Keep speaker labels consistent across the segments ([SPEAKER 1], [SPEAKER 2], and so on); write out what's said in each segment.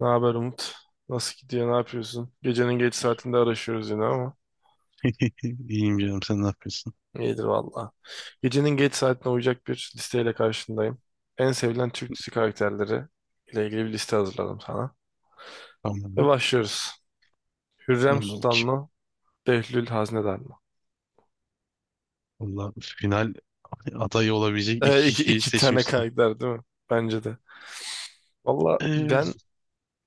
[SPEAKER 1] Ne haber Umut? Nasıl gidiyor? Ne yapıyorsun? Gecenin geç saatinde araşıyoruz yine ama
[SPEAKER 2] İyiyim canım, sen ne yapıyorsun?
[SPEAKER 1] iyidir valla. Gecenin geç saatine uyacak bir listeyle karşındayım. En sevilen Türk dizi karakterleri ile ilgili bir liste hazırladım sana. Ve
[SPEAKER 2] Tamam.
[SPEAKER 1] başlıyoruz. Hürrem
[SPEAKER 2] Yolla
[SPEAKER 1] Sultan
[SPEAKER 2] bakayım.
[SPEAKER 1] mı? Behlül Haznedar mı?
[SPEAKER 2] Valla final adayı olabilecek iki kişiyi
[SPEAKER 1] İki tane
[SPEAKER 2] seçmişsin.
[SPEAKER 1] karakter değil mi? Bence de. Valla
[SPEAKER 2] Ee,
[SPEAKER 1] ben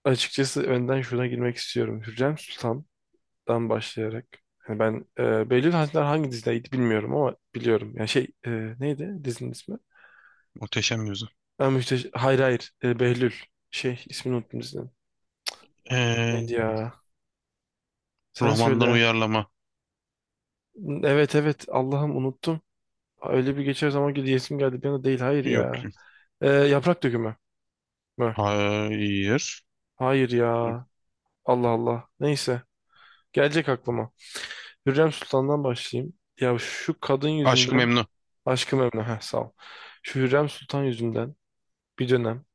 [SPEAKER 1] açıkçası önden şuna girmek istiyorum. Hürrem Sultan'dan başlayarak. Hani ben Behlül Haznedar hangi dizideydi bilmiyorum ama biliyorum. Yani şey, neydi dizinin ismi?
[SPEAKER 2] muhteşem yüzü.
[SPEAKER 1] Hayır, hayır. Behlül. Şey, ismini unuttum dizinin. Neydi
[SPEAKER 2] Ee,
[SPEAKER 1] ya? Sen
[SPEAKER 2] romandan
[SPEAKER 1] söyle.
[SPEAKER 2] uyarlama.
[SPEAKER 1] Evet, evet. Allah'ım unuttum. Öyle bir geçer zaman ki diyesim geldi. Bir anda değil. Hayır
[SPEAKER 2] Yok.
[SPEAKER 1] ya. Yaprak Dökümü mü?
[SPEAKER 2] Hayır.
[SPEAKER 1] Hayır ya. Allah Allah. Neyse. Gelecek aklıma. Hürrem Sultan'dan başlayayım. Ya şu kadın
[SPEAKER 2] Aşk-ı
[SPEAKER 1] yüzünden
[SPEAKER 2] Memnu.
[SPEAKER 1] aşkım Emine. Heh, sağ ol. Şu Hürrem Sultan yüzünden bir dönem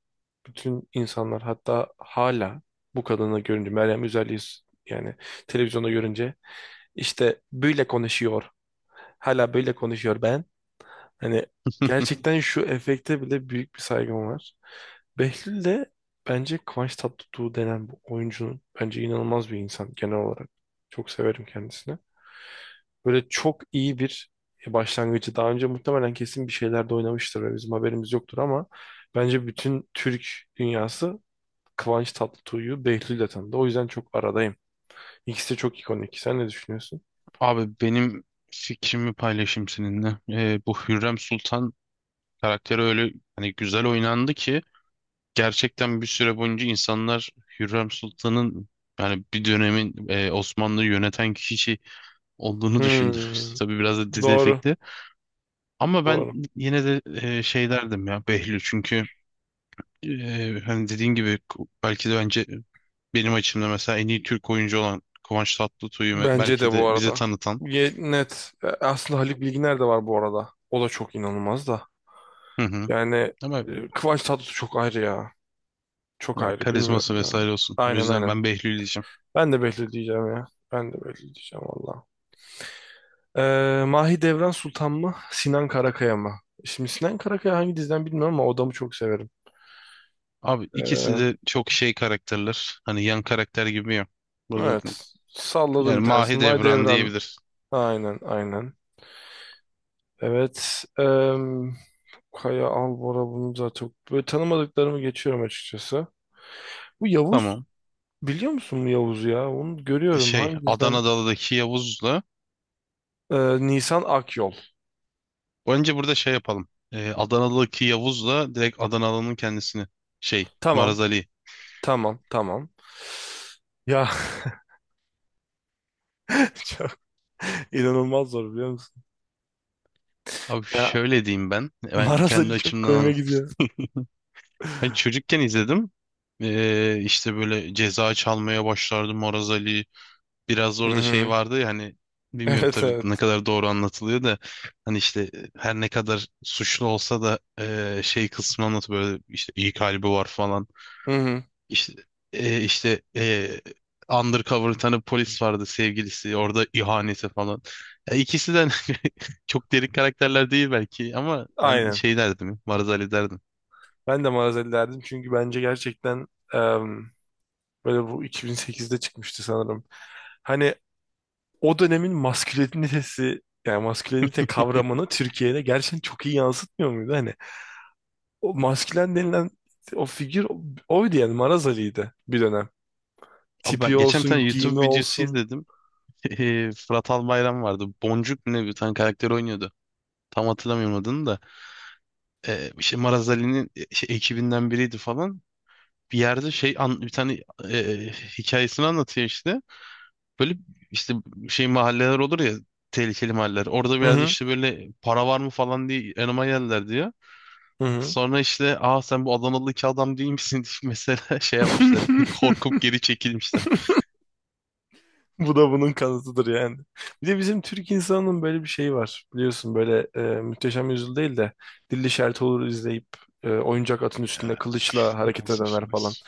[SPEAKER 1] bütün insanlar, hatta hala bu kadını görünce Meryem Üzerli'yi yani televizyonda görünce, İşte böyle konuşuyor. Hala böyle konuşuyor ben. Hani gerçekten şu efekte bile büyük bir saygım var. Behlül de bence Kıvanç Tatlıtuğ denen bu oyuncunun, bence inanılmaz bir insan genel olarak. Çok severim kendisini. Böyle çok iyi bir başlangıcı. Daha önce muhtemelen kesin bir şeylerde oynamıştır ve bizim haberimiz yoktur ama bence bütün Türk dünyası Kıvanç Tatlıtuğ'u Behlül'le tanıdı. O yüzden çok aradayım. İkisi de çok ikonik. Sen ne düşünüyorsun?
[SPEAKER 2] Abi, benim fikrimi paylaşayım seninle. Bu Hürrem Sultan karakteri öyle hani güzel oynandı ki gerçekten bir süre boyunca insanlar Hürrem Sultan'ın, yani bir dönemin Osmanlı'yı yöneten kişi olduğunu düşündüm.
[SPEAKER 1] Hmm,
[SPEAKER 2] Tabii biraz da dizi
[SPEAKER 1] doğru,
[SPEAKER 2] efekti. Ama ben
[SPEAKER 1] doğru.
[SPEAKER 2] yine de şey derdim ya, Behlül, çünkü hani dediğin gibi belki de bence benim açımda mesela en iyi Türk oyuncu olan Kıvanç Tatlıtuğu
[SPEAKER 1] Bence
[SPEAKER 2] belki
[SPEAKER 1] de bu
[SPEAKER 2] de bize
[SPEAKER 1] arada.
[SPEAKER 2] tanıtan.
[SPEAKER 1] Net. Aslında Haluk Bilginer de var bu arada. O da çok inanılmaz da.
[SPEAKER 2] Hı hı.
[SPEAKER 1] Yani
[SPEAKER 2] Ama
[SPEAKER 1] Kıvanç Tatlıtuğ çok ayrı ya. Çok
[SPEAKER 2] ya,
[SPEAKER 1] ayrı bilmiyorum
[SPEAKER 2] karizması
[SPEAKER 1] ya.
[SPEAKER 2] vesaire olsun. O
[SPEAKER 1] Aynen,
[SPEAKER 2] yüzden
[SPEAKER 1] aynen.
[SPEAKER 2] ben Behlül diyeceğim.
[SPEAKER 1] Ben de Behlül diyeceğim ya. Ben de Behlül diyeceğim valla. Mahidevran Sultan mı? Sinan Karakaya mı? Şimdi Sinan Karakaya hangi diziden bilmiyorum ama o adamı çok severim.
[SPEAKER 2] Abi, ikisi
[SPEAKER 1] Ee,
[SPEAKER 2] de çok şey karakterler. Hani yan karakter gibi ya. Burada,
[SPEAKER 1] evet. Salladım
[SPEAKER 2] yani
[SPEAKER 1] bir tanesi.
[SPEAKER 2] Mahidevran
[SPEAKER 1] Mahidevran.
[SPEAKER 2] diyebilir.
[SPEAKER 1] Aynen, aynen. Evet. Kaya Albora, bunu zaten böyle tanımadıklarımı geçiyorum açıkçası. Bu Yavuz,
[SPEAKER 2] Tamam.
[SPEAKER 1] biliyor musun bu Yavuz'u ya? Onu görüyorum.
[SPEAKER 2] Şey
[SPEAKER 1] Hangisinden?
[SPEAKER 2] Adana'daki Yavuz'la
[SPEAKER 1] Nisan Akyol.
[SPEAKER 2] önce burada şey yapalım. Adanalı'daki Yavuz'la direkt Adanalı'nın kendisini. Şey,
[SPEAKER 1] Tamam.
[SPEAKER 2] Maraz Ali.
[SPEAKER 1] Tamam. Tamam. Ya çok inanılmaz zor biliyor musun?
[SPEAKER 2] Abi
[SPEAKER 1] Ya
[SPEAKER 2] şöyle diyeyim ben. Ben
[SPEAKER 1] Maraz Ali
[SPEAKER 2] kendi
[SPEAKER 1] çok
[SPEAKER 2] açımdan
[SPEAKER 1] koyma
[SPEAKER 2] anlatayım.
[SPEAKER 1] gidiyor.
[SPEAKER 2] Ben çocukken izledim. İşte böyle ceza çalmaya başlardı Maraz Ali. Biraz
[SPEAKER 1] Hı
[SPEAKER 2] orada şey
[SPEAKER 1] hı.
[SPEAKER 2] vardı ya, hani bilmiyorum
[SPEAKER 1] Evet,
[SPEAKER 2] tabii
[SPEAKER 1] evet.
[SPEAKER 2] ne kadar doğru anlatılıyor da hani işte her ne kadar suçlu olsa da şey kısmını anlatıyor böyle, işte iyi kalbi var falan.
[SPEAKER 1] Hı hı.
[SPEAKER 2] İşte e, işte e, undercover bir tane polis vardı, sevgilisi, orada ihaneti falan. Ya, ikisi de çok derin karakterler değil belki ama ben
[SPEAKER 1] Aynen.
[SPEAKER 2] şey derdim, Marzali derdim.
[SPEAKER 1] Ben de Maraz Ali derdim çünkü bence gerçekten, em, böyle bu 2008'de çıkmıştı sanırım. Hani o dönemin maskülenitesi, yani maskülenite kavramını Türkiye'de gerçekten çok iyi yansıtmıyor muydu? Hani o maskülen denilen o figür, oydu yani, Maraz Ali'ydi bir dönem.
[SPEAKER 2] Abi,
[SPEAKER 1] Tipi
[SPEAKER 2] ben geçen bir
[SPEAKER 1] olsun,
[SPEAKER 2] tane
[SPEAKER 1] giyimi
[SPEAKER 2] YouTube videosu
[SPEAKER 1] olsun.
[SPEAKER 2] izledim. E, Fırat Albayram vardı. Boncuk mu ne bir tane karakter oynuyordu. Tam hatırlamıyorum adını da. E, işte Marazali'nin şey, ekibinden biriydi falan. Bir yerde şey an, bir tane hikayesini anlatıyor işte. Böyle işte şey mahalleler olur ya, tehlikeli mahalleler. Orada bir
[SPEAKER 1] Hı
[SPEAKER 2] yerde
[SPEAKER 1] hı.
[SPEAKER 2] işte böyle para var mı falan diye yanıma geldiler diyor.
[SPEAKER 1] Hı hı.
[SPEAKER 2] Sonra işte, aa, sen bu Adanalı iki adam değil misin diye mesela şey yapmışlar. Korkup geri çekilmişler.
[SPEAKER 1] Bu da bunun kanıtıdır yani. Bir de bizim Türk insanının böyle bir şeyi var. Biliyorsun böyle, Muhteşem Yüzyıl değil de Dilli Şerit Olur izleyip oyuncak atın
[SPEAKER 2] Ya,
[SPEAKER 1] üstünde kılıçla hareket
[SPEAKER 2] maalesef
[SPEAKER 1] edenler falan.
[SPEAKER 2] maalesef.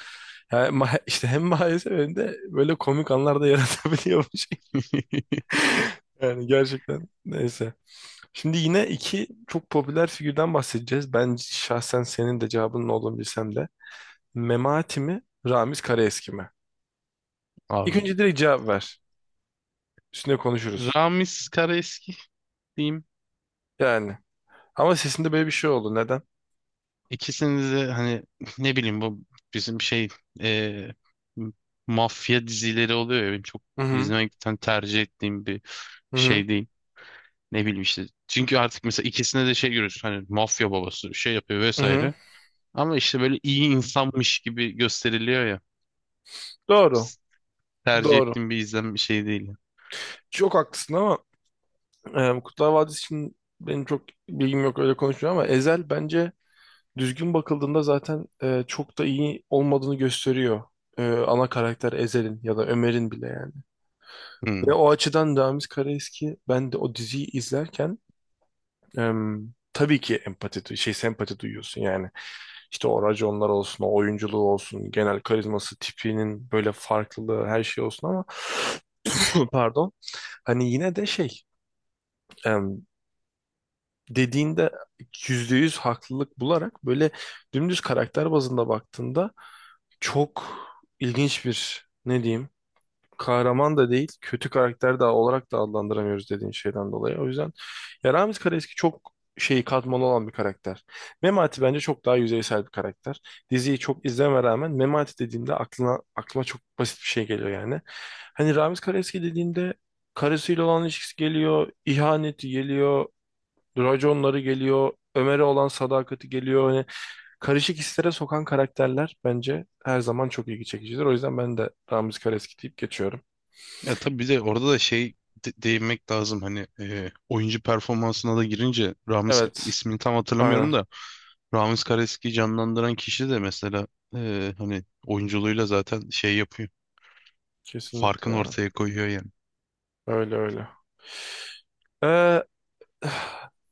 [SPEAKER 1] Yani, işte hem maalesef hem de böyle komik anlar da yaratabiliyor bu şey. Yani gerçekten, neyse. Şimdi yine iki çok popüler figürden bahsedeceğiz. Ben şahsen senin de cevabının olduğunu bilsem de. Memati mi, Ramiz Karaeski mi? İlk
[SPEAKER 2] Abi.
[SPEAKER 1] önce direkt cevap ver. Üstüne konuşuruz.
[SPEAKER 2] Ramiz Karaeski diyeyim.
[SPEAKER 1] Yani, ama sesinde böyle bir şey oldu. Neden?
[SPEAKER 2] İkisini de hani ne bileyim, bu bizim şey e, mafya dizileri oluyor ya, benim çok
[SPEAKER 1] Hı hı.
[SPEAKER 2] izlemekten tercih ettiğim bir
[SPEAKER 1] Hı hı.
[SPEAKER 2] şey değil. Ne bileyim işte. Çünkü artık mesela ikisine de şey görüyorsun, hani mafya babası şey yapıyor
[SPEAKER 1] Hı hı.
[SPEAKER 2] vesaire. Ama işte böyle iyi insanmış gibi gösteriliyor ya. Çok
[SPEAKER 1] Doğru.
[SPEAKER 2] s- Tercih
[SPEAKER 1] Doğru.
[SPEAKER 2] ettiğim bir izlem bir şey değil.
[SPEAKER 1] Çok haklısın ama Kurtlar Vadisi için benim çok bilgim yok, öyle konuşmuyorum, ama Ezel bence düzgün bakıldığında zaten çok da iyi olmadığını gösteriyor. Ana karakter Ezel'in ya da Ömer'in bile yani. Ve
[SPEAKER 2] Hmm.
[SPEAKER 1] o açıdan Ramiz Karaeski, ben de o diziyi izlerken tabii ki empati, şey, sempati duyuyorsun yani. İşte o raconlar olsun, o oyunculuğu olsun, genel karizması, tipinin böyle farklılığı, her şey olsun ama pardon. Hani yine de şey, em, dediğinde, yüzde yüz haklılık bularak, böyle dümdüz karakter bazında baktığında, çok ilginç bir, ne diyeyim, kahraman da değil, kötü karakter de olarak da adlandıramıyoruz, dediğin şeyden dolayı. O yüzden ya, Ramiz Karaeski çok şeyi, katmanlı olan bir karakter. Memati bence çok daha yüzeysel bir karakter. Diziyi çok izleme rağmen Memati dediğimde aklıma çok basit bir şey geliyor yani. Hani Ramiz Karaeski dediğimde, karısıyla olan ilişkisi geliyor, ihaneti geliyor, raconları geliyor, Ömer'e olan sadakati geliyor. Hani karışık hislere sokan karakterler bence her zaman çok ilgi çekicidir. O yüzden ben de Ramiz Karaeski deyip geçiyorum.
[SPEAKER 2] Ya tabii, bir de orada da şey değinmek lazım, hani oyuncu performansına da girince Ramiz
[SPEAKER 1] Evet.
[SPEAKER 2] ismini tam
[SPEAKER 1] Aynen.
[SPEAKER 2] hatırlamıyorum da Ramiz Kareski'yi canlandıran kişi de mesela hani oyunculuğuyla zaten şey yapıyor.
[SPEAKER 1] Kesinlikle
[SPEAKER 2] Farkını
[SPEAKER 1] ya.
[SPEAKER 2] ortaya koyuyor yani.
[SPEAKER 1] Öyle, öyle. Ee,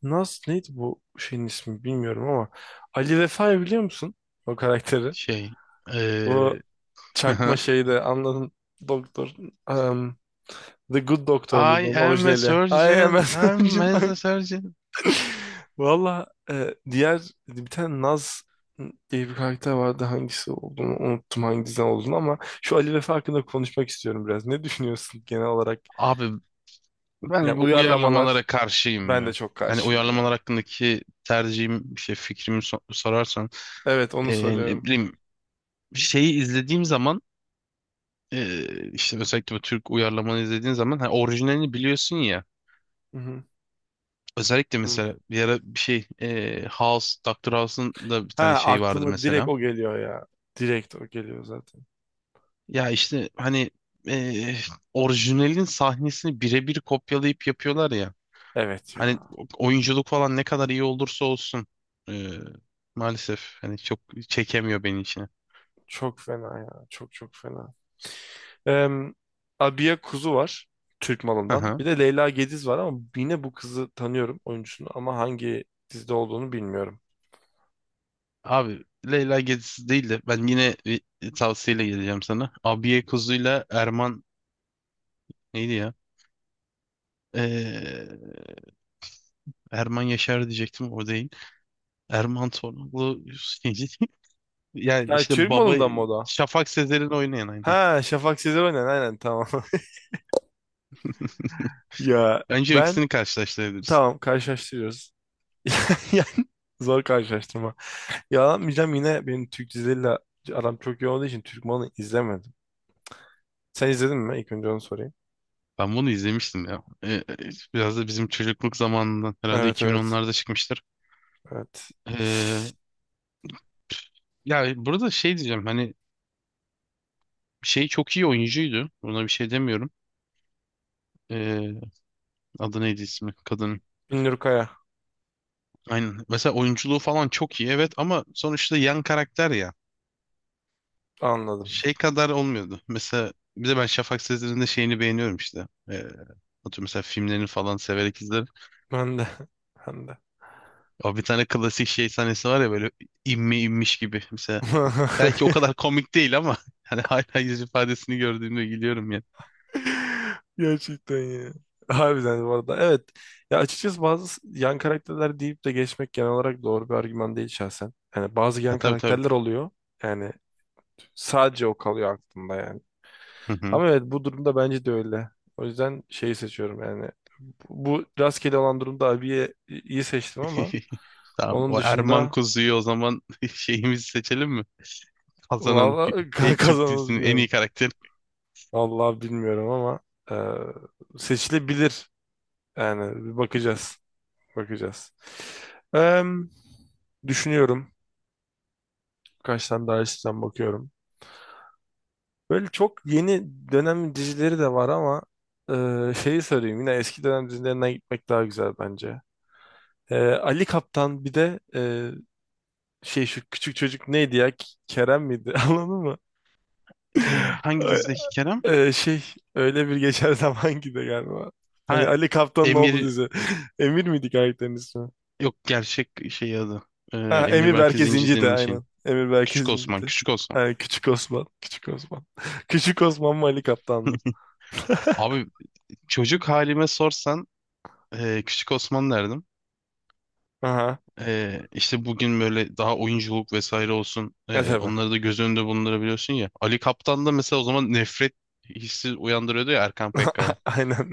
[SPEAKER 1] nasıl neydi bu şeyin ismi bilmiyorum ama Ali Vefa'yı biliyor musun? O karakteri.
[SPEAKER 2] Şey. eee,
[SPEAKER 1] Bu çakma şeyde, anladın, doktor, em, The Good Doctor
[SPEAKER 2] I
[SPEAKER 1] muydu onun
[SPEAKER 2] am a
[SPEAKER 1] orijinali? Ay, hemen
[SPEAKER 2] surgeon. I'm as
[SPEAKER 1] önceden.
[SPEAKER 2] a surgeon.
[SPEAKER 1] Valla diğer bir tane Naz diye bir karakter vardı. Hangisi olduğunu unuttum, hangisinden olduğunu, ama şu Ali Vefa hakkında konuşmak istiyorum biraz. Ne düşünüyorsun genel olarak?
[SPEAKER 2] Abi, ben
[SPEAKER 1] Yani
[SPEAKER 2] bu uyarlamalara
[SPEAKER 1] uyarlamalar.
[SPEAKER 2] karşıyım
[SPEAKER 1] Ben de
[SPEAKER 2] ya.
[SPEAKER 1] çok
[SPEAKER 2] Yani
[SPEAKER 1] karşıyım ya.
[SPEAKER 2] uyarlamalar hakkındaki tercihim, şey fikrimi sorarsan,
[SPEAKER 1] Evet, onu
[SPEAKER 2] ne
[SPEAKER 1] soruyorum.
[SPEAKER 2] bileyim şeyi izlediğim zaman, işte özellikle bu Türk uyarlamanı izlediğin zaman hani orijinalini biliyorsun ya.
[SPEAKER 1] Hı hı. Hı
[SPEAKER 2] Özellikle
[SPEAKER 1] hı.
[SPEAKER 2] mesela bir ara bir şey House, Dr. House'un da bir
[SPEAKER 1] Ha,
[SPEAKER 2] tane şey vardı
[SPEAKER 1] aklıma direkt
[SPEAKER 2] mesela.
[SPEAKER 1] o geliyor ya. Direkt o geliyor zaten.
[SPEAKER 2] Ya işte hani eee, orijinalin sahnesini birebir kopyalayıp yapıyorlar ya.
[SPEAKER 1] Evet
[SPEAKER 2] Hani
[SPEAKER 1] ya.
[SPEAKER 2] oyunculuk falan ne kadar iyi olursa olsun eee, maalesef hani çok çekemiyor beni içine.
[SPEAKER 1] Çok fena ya. Çok çok fena. Em, Abiye Kuzu var. Türk Malı'ndan.
[SPEAKER 2] Aha.
[SPEAKER 1] Bir de Leyla Gediz var ama yine bu kızı tanıyorum, oyuncusunu, ama hangi dizide olduğunu bilmiyorum.
[SPEAKER 2] Abi Leyla Gezisi değil de ben yine bir tavsiyeyle geleceğim sana. Abiye Kuzu'yla Erman neydi ya? Eee, Erman Yaşar diyecektim, o değil. Erman Torunlu yani
[SPEAKER 1] Yani
[SPEAKER 2] işte
[SPEAKER 1] Türk
[SPEAKER 2] baba
[SPEAKER 1] Malı'ndan mı o da?
[SPEAKER 2] Şafak Sezer'in oynayan, aynen.
[SPEAKER 1] Ha, Şafak Sezer oynayan, aynen, tamam. Ya
[SPEAKER 2] Bence
[SPEAKER 1] ben,
[SPEAKER 2] ikisini karşılaştırabiliriz.
[SPEAKER 1] tamam, karşılaştırıyoruz. Yani zor karşılaştırma. Yalanmayacağım, yine benim Türk dizileriyle aram çok iyi olduğu için Türk Malı'nı izlemedim. Sen izledin mi? İlk önce onu sorayım.
[SPEAKER 2] Ben bunu izlemiştim ya. Biraz da bizim çocukluk zamanından herhalde
[SPEAKER 1] Evet, evet.
[SPEAKER 2] 2010'larda çıkmıştır.
[SPEAKER 1] Evet.
[SPEAKER 2] Ee, ya burada şey diyeceğim, hani şey çok iyi oyuncuydu. Buna bir şey demiyorum. Ee, adı neydi ismi? Kadın.
[SPEAKER 1] Binnur Kaya.
[SPEAKER 2] Aynen. Mesela oyunculuğu falan çok iyi, evet, ama sonuçta yan karakter ya.
[SPEAKER 1] Anladım.
[SPEAKER 2] Şey kadar olmuyordu. Mesela bir de ben Şafak Sezer'in de şeyini beğeniyorum işte. Atıyorum mesela filmlerini falan severek izlerim.
[SPEAKER 1] Ben de. Ben de.
[SPEAKER 2] O bir tane klasik şey sahnesi var ya, böyle inme inmiş gibi. Mesela belki o kadar komik değil ama hani hala yüz ifadesini gördüğümde gülüyorum ya.
[SPEAKER 1] Gerçekten ya. Harbiden bu arada. Evet. Ya açıkçası bazı yan karakterler deyip de geçmek genel olarak doğru bir argüman değil şahsen. Yani bazı
[SPEAKER 2] Ya
[SPEAKER 1] yan
[SPEAKER 2] tabii tabii.
[SPEAKER 1] karakterler oluyor. Yani sadece o kalıyor aklımda yani.
[SPEAKER 2] Hı hı.
[SPEAKER 1] Ama evet, bu durumda bence de öyle. O yüzden şeyi seçiyorum yani. Bu rastgele olan durumda abiye iyi seçtim ama
[SPEAKER 2] Tamam.
[SPEAKER 1] onun
[SPEAKER 2] O Erman
[SPEAKER 1] dışında,
[SPEAKER 2] Kuzu'yu o zaman şeyimizi seçelim mi? Kazanın
[SPEAKER 1] valla
[SPEAKER 2] Türk
[SPEAKER 1] kazanırız
[SPEAKER 2] dizisinin en iyi
[SPEAKER 1] bilmiyorum.
[SPEAKER 2] karakteri.
[SPEAKER 1] Allah bilmiyorum ama seçilebilir. Yani bir bakacağız. Bakacağız. Eee, düşünüyorum. Kaç tane daha açıdan bakıyorum. Böyle çok yeni dönem dizileri de var ama şeyi söyleyeyim. Yine eski dönem dizilerinden gitmek daha güzel bence. Ali Kaptan bir de şey, şu küçük çocuk neydi ya? Kerem miydi? Anladın mı?
[SPEAKER 2] E, hangi dizideki Kerem?
[SPEAKER 1] Şey, Öyle Bir Geçer Zaman gibi galiba. Hani
[SPEAKER 2] Ha,
[SPEAKER 1] Ali Kaptan'ın oğlu
[SPEAKER 2] Emir,
[SPEAKER 1] dizi. Emir miydi karakterin ismi?
[SPEAKER 2] yok, gerçek şey adı. E,
[SPEAKER 1] Ha,
[SPEAKER 2] Emir
[SPEAKER 1] Emir
[SPEAKER 2] Berke
[SPEAKER 1] Berke Zinci de
[SPEAKER 2] Zincirli'nin şeyin.
[SPEAKER 1] aynen. Emir Berke
[SPEAKER 2] Küçük
[SPEAKER 1] Zinci
[SPEAKER 2] Osman,
[SPEAKER 1] de.
[SPEAKER 2] Küçük Osman.
[SPEAKER 1] Ha, Küçük Osman. Küçük Osman. Küçük Osman mı, Ali Kaptan mı?
[SPEAKER 2] Abi, çocuk halime sorsan Küçük Osman derdim.
[SPEAKER 1] Aha.
[SPEAKER 2] İşte bugün böyle daha oyunculuk vesaire olsun.
[SPEAKER 1] E
[SPEAKER 2] ee,
[SPEAKER 1] tabii.
[SPEAKER 2] onları da göz önünde bulundurabiliyorsun ya. Ali Kaptan da mesela o zaman nefret hissi uyandırıyordu ya Erkan Pekka'ya.
[SPEAKER 1] Aynen.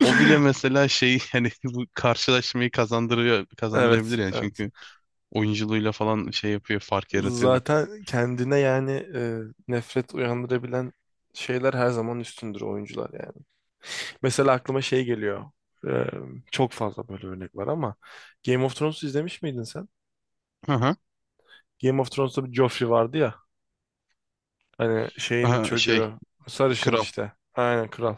[SPEAKER 2] O bile mesela şey hani bu karşılaşmayı kazandırıyor,
[SPEAKER 1] Evet,
[SPEAKER 2] kazandırabilir yani
[SPEAKER 1] evet.
[SPEAKER 2] çünkü oyunculuğuyla falan şey yapıyor, fark yaratıyordu.
[SPEAKER 1] Zaten kendine yani nefret uyandırabilen şeyler her zaman üstündür oyuncular yani. Mesela aklıma şey geliyor. E, çok fazla böyle örnek var ama Game of Thrones'u izlemiş miydin sen?
[SPEAKER 2] Hı hı.
[SPEAKER 1] Game of Thrones'ta bir Joffrey vardı ya. Hani şeyin
[SPEAKER 2] Aha, şey
[SPEAKER 1] çocuğu, sarışın
[SPEAKER 2] kral.
[SPEAKER 1] işte. Aynen, kral.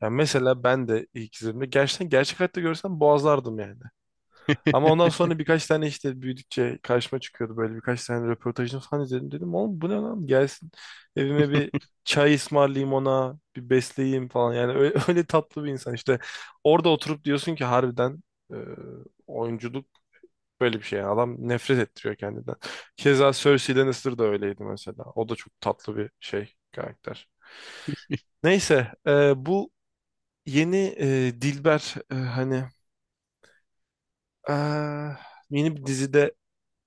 [SPEAKER 1] Yani mesela ben de ilk izlediğimde, gerçekten gerçek hayatta görsem boğazlardım yani. Ama ondan sonra birkaç tane, işte büyüdükçe karşıma çıkıyordu böyle, birkaç tane röportajını falan izledim. Dedim oğlum bu ne lan, gelsin evime, bir çay ısmarlayayım ona, bir besleyeyim falan. Yani öyle, öyle tatlı bir insan işte. Orada oturup diyorsun ki, harbiden e, oyunculuk böyle bir şey. Yani adam nefret ettiriyor kendinden. Keza Cersei Lannister da öyleydi mesela. O da çok tatlı bir şey karakter. Neyse, bu yeni, Dilber, hani, ah, yeni bir dizide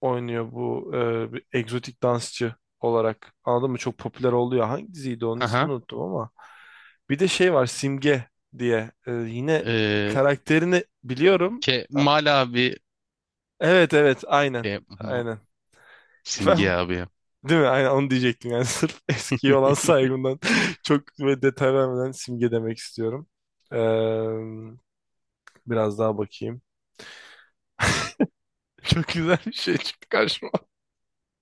[SPEAKER 1] oynuyor bu, bir egzotik dansçı olarak. Anladın mı? Çok popüler oluyor. Hangi diziydi, onun
[SPEAKER 2] Hı hı.
[SPEAKER 1] ismini unuttum ama. Bir de şey var, Simge diye. Yine
[SPEAKER 2] Ee,
[SPEAKER 1] karakterini biliyorum.
[SPEAKER 2] Ke
[SPEAKER 1] Ha,
[SPEAKER 2] Mal abi,
[SPEAKER 1] evet, evet, aynen.
[SPEAKER 2] Ke Ma-
[SPEAKER 1] Aynen.
[SPEAKER 2] Simge
[SPEAKER 1] Ben,
[SPEAKER 2] abi ya.
[SPEAKER 1] değil mi? Aynen onu diyecektim. Yani sırf eskiye olan saygımdan çok böyle detay vermeden Simge demek istiyorum. E, biraz daha bakayım. Çok güzel bir şey çıktı karşıma.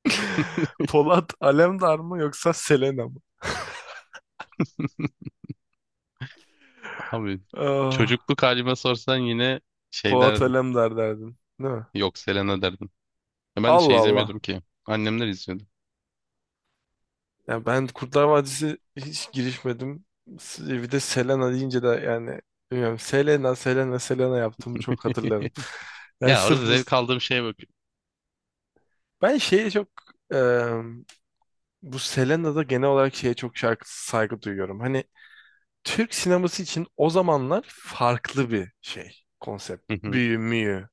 [SPEAKER 1] Polat Alemdar mı yoksa Selena mı?
[SPEAKER 2] Abi,
[SPEAKER 1] Ah,
[SPEAKER 2] çocukluk halime sorsan yine şey
[SPEAKER 1] Polat
[SPEAKER 2] derdim.
[SPEAKER 1] Alemdar derdim. Değil mi?
[SPEAKER 2] Yok, Selena derdim. Ben de
[SPEAKER 1] Allah
[SPEAKER 2] şey
[SPEAKER 1] Allah.
[SPEAKER 2] izlemiyordum ki. Annemler izliyordu.
[SPEAKER 1] Ya ben Kurtlar Vadisi hiç girişmedim. Bir de Selena deyince de yani bilmiyorum. Selena, Selena, Selena yaptığımı çok hatırlarım. Yani
[SPEAKER 2] Ya, orada
[SPEAKER 1] sırf bu...
[SPEAKER 2] zevk aldığım şeye bak.
[SPEAKER 1] Ben şeye çok... eee, bu Selena'da genel olarak şeye çok saygı duyuyorum. Hani Türk sineması için o zamanlar farklı bir şey, konsept.
[SPEAKER 2] Hı hı.
[SPEAKER 1] Büyü müyü.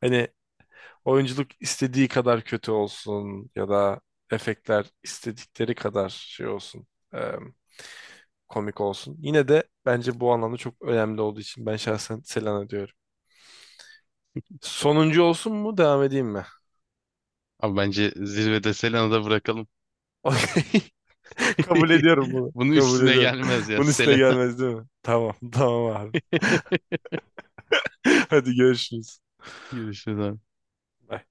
[SPEAKER 1] Hani oyunculuk istediği kadar kötü olsun ya da efektler istedikleri kadar şey olsun, e, komik olsun. Yine de bence bu anlamda çok önemli olduğu için ben şahsen Selena diyorum. Sonuncu olsun mu devam edeyim mi?
[SPEAKER 2] Abi bence zirvede Selena'da bırakalım.
[SPEAKER 1] Okey. Kabul ediyorum bunu.
[SPEAKER 2] Bunun
[SPEAKER 1] Kabul
[SPEAKER 2] üstüne
[SPEAKER 1] ediyorum.
[SPEAKER 2] gelmez ya
[SPEAKER 1] Bunun üstüne
[SPEAKER 2] Selena.
[SPEAKER 1] gelmez, değil mi? Tamam, tamam abi. Hadi görüşürüz.
[SPEAKER 2] Görüşürüz abi.
[SPEAKER 1] Bye.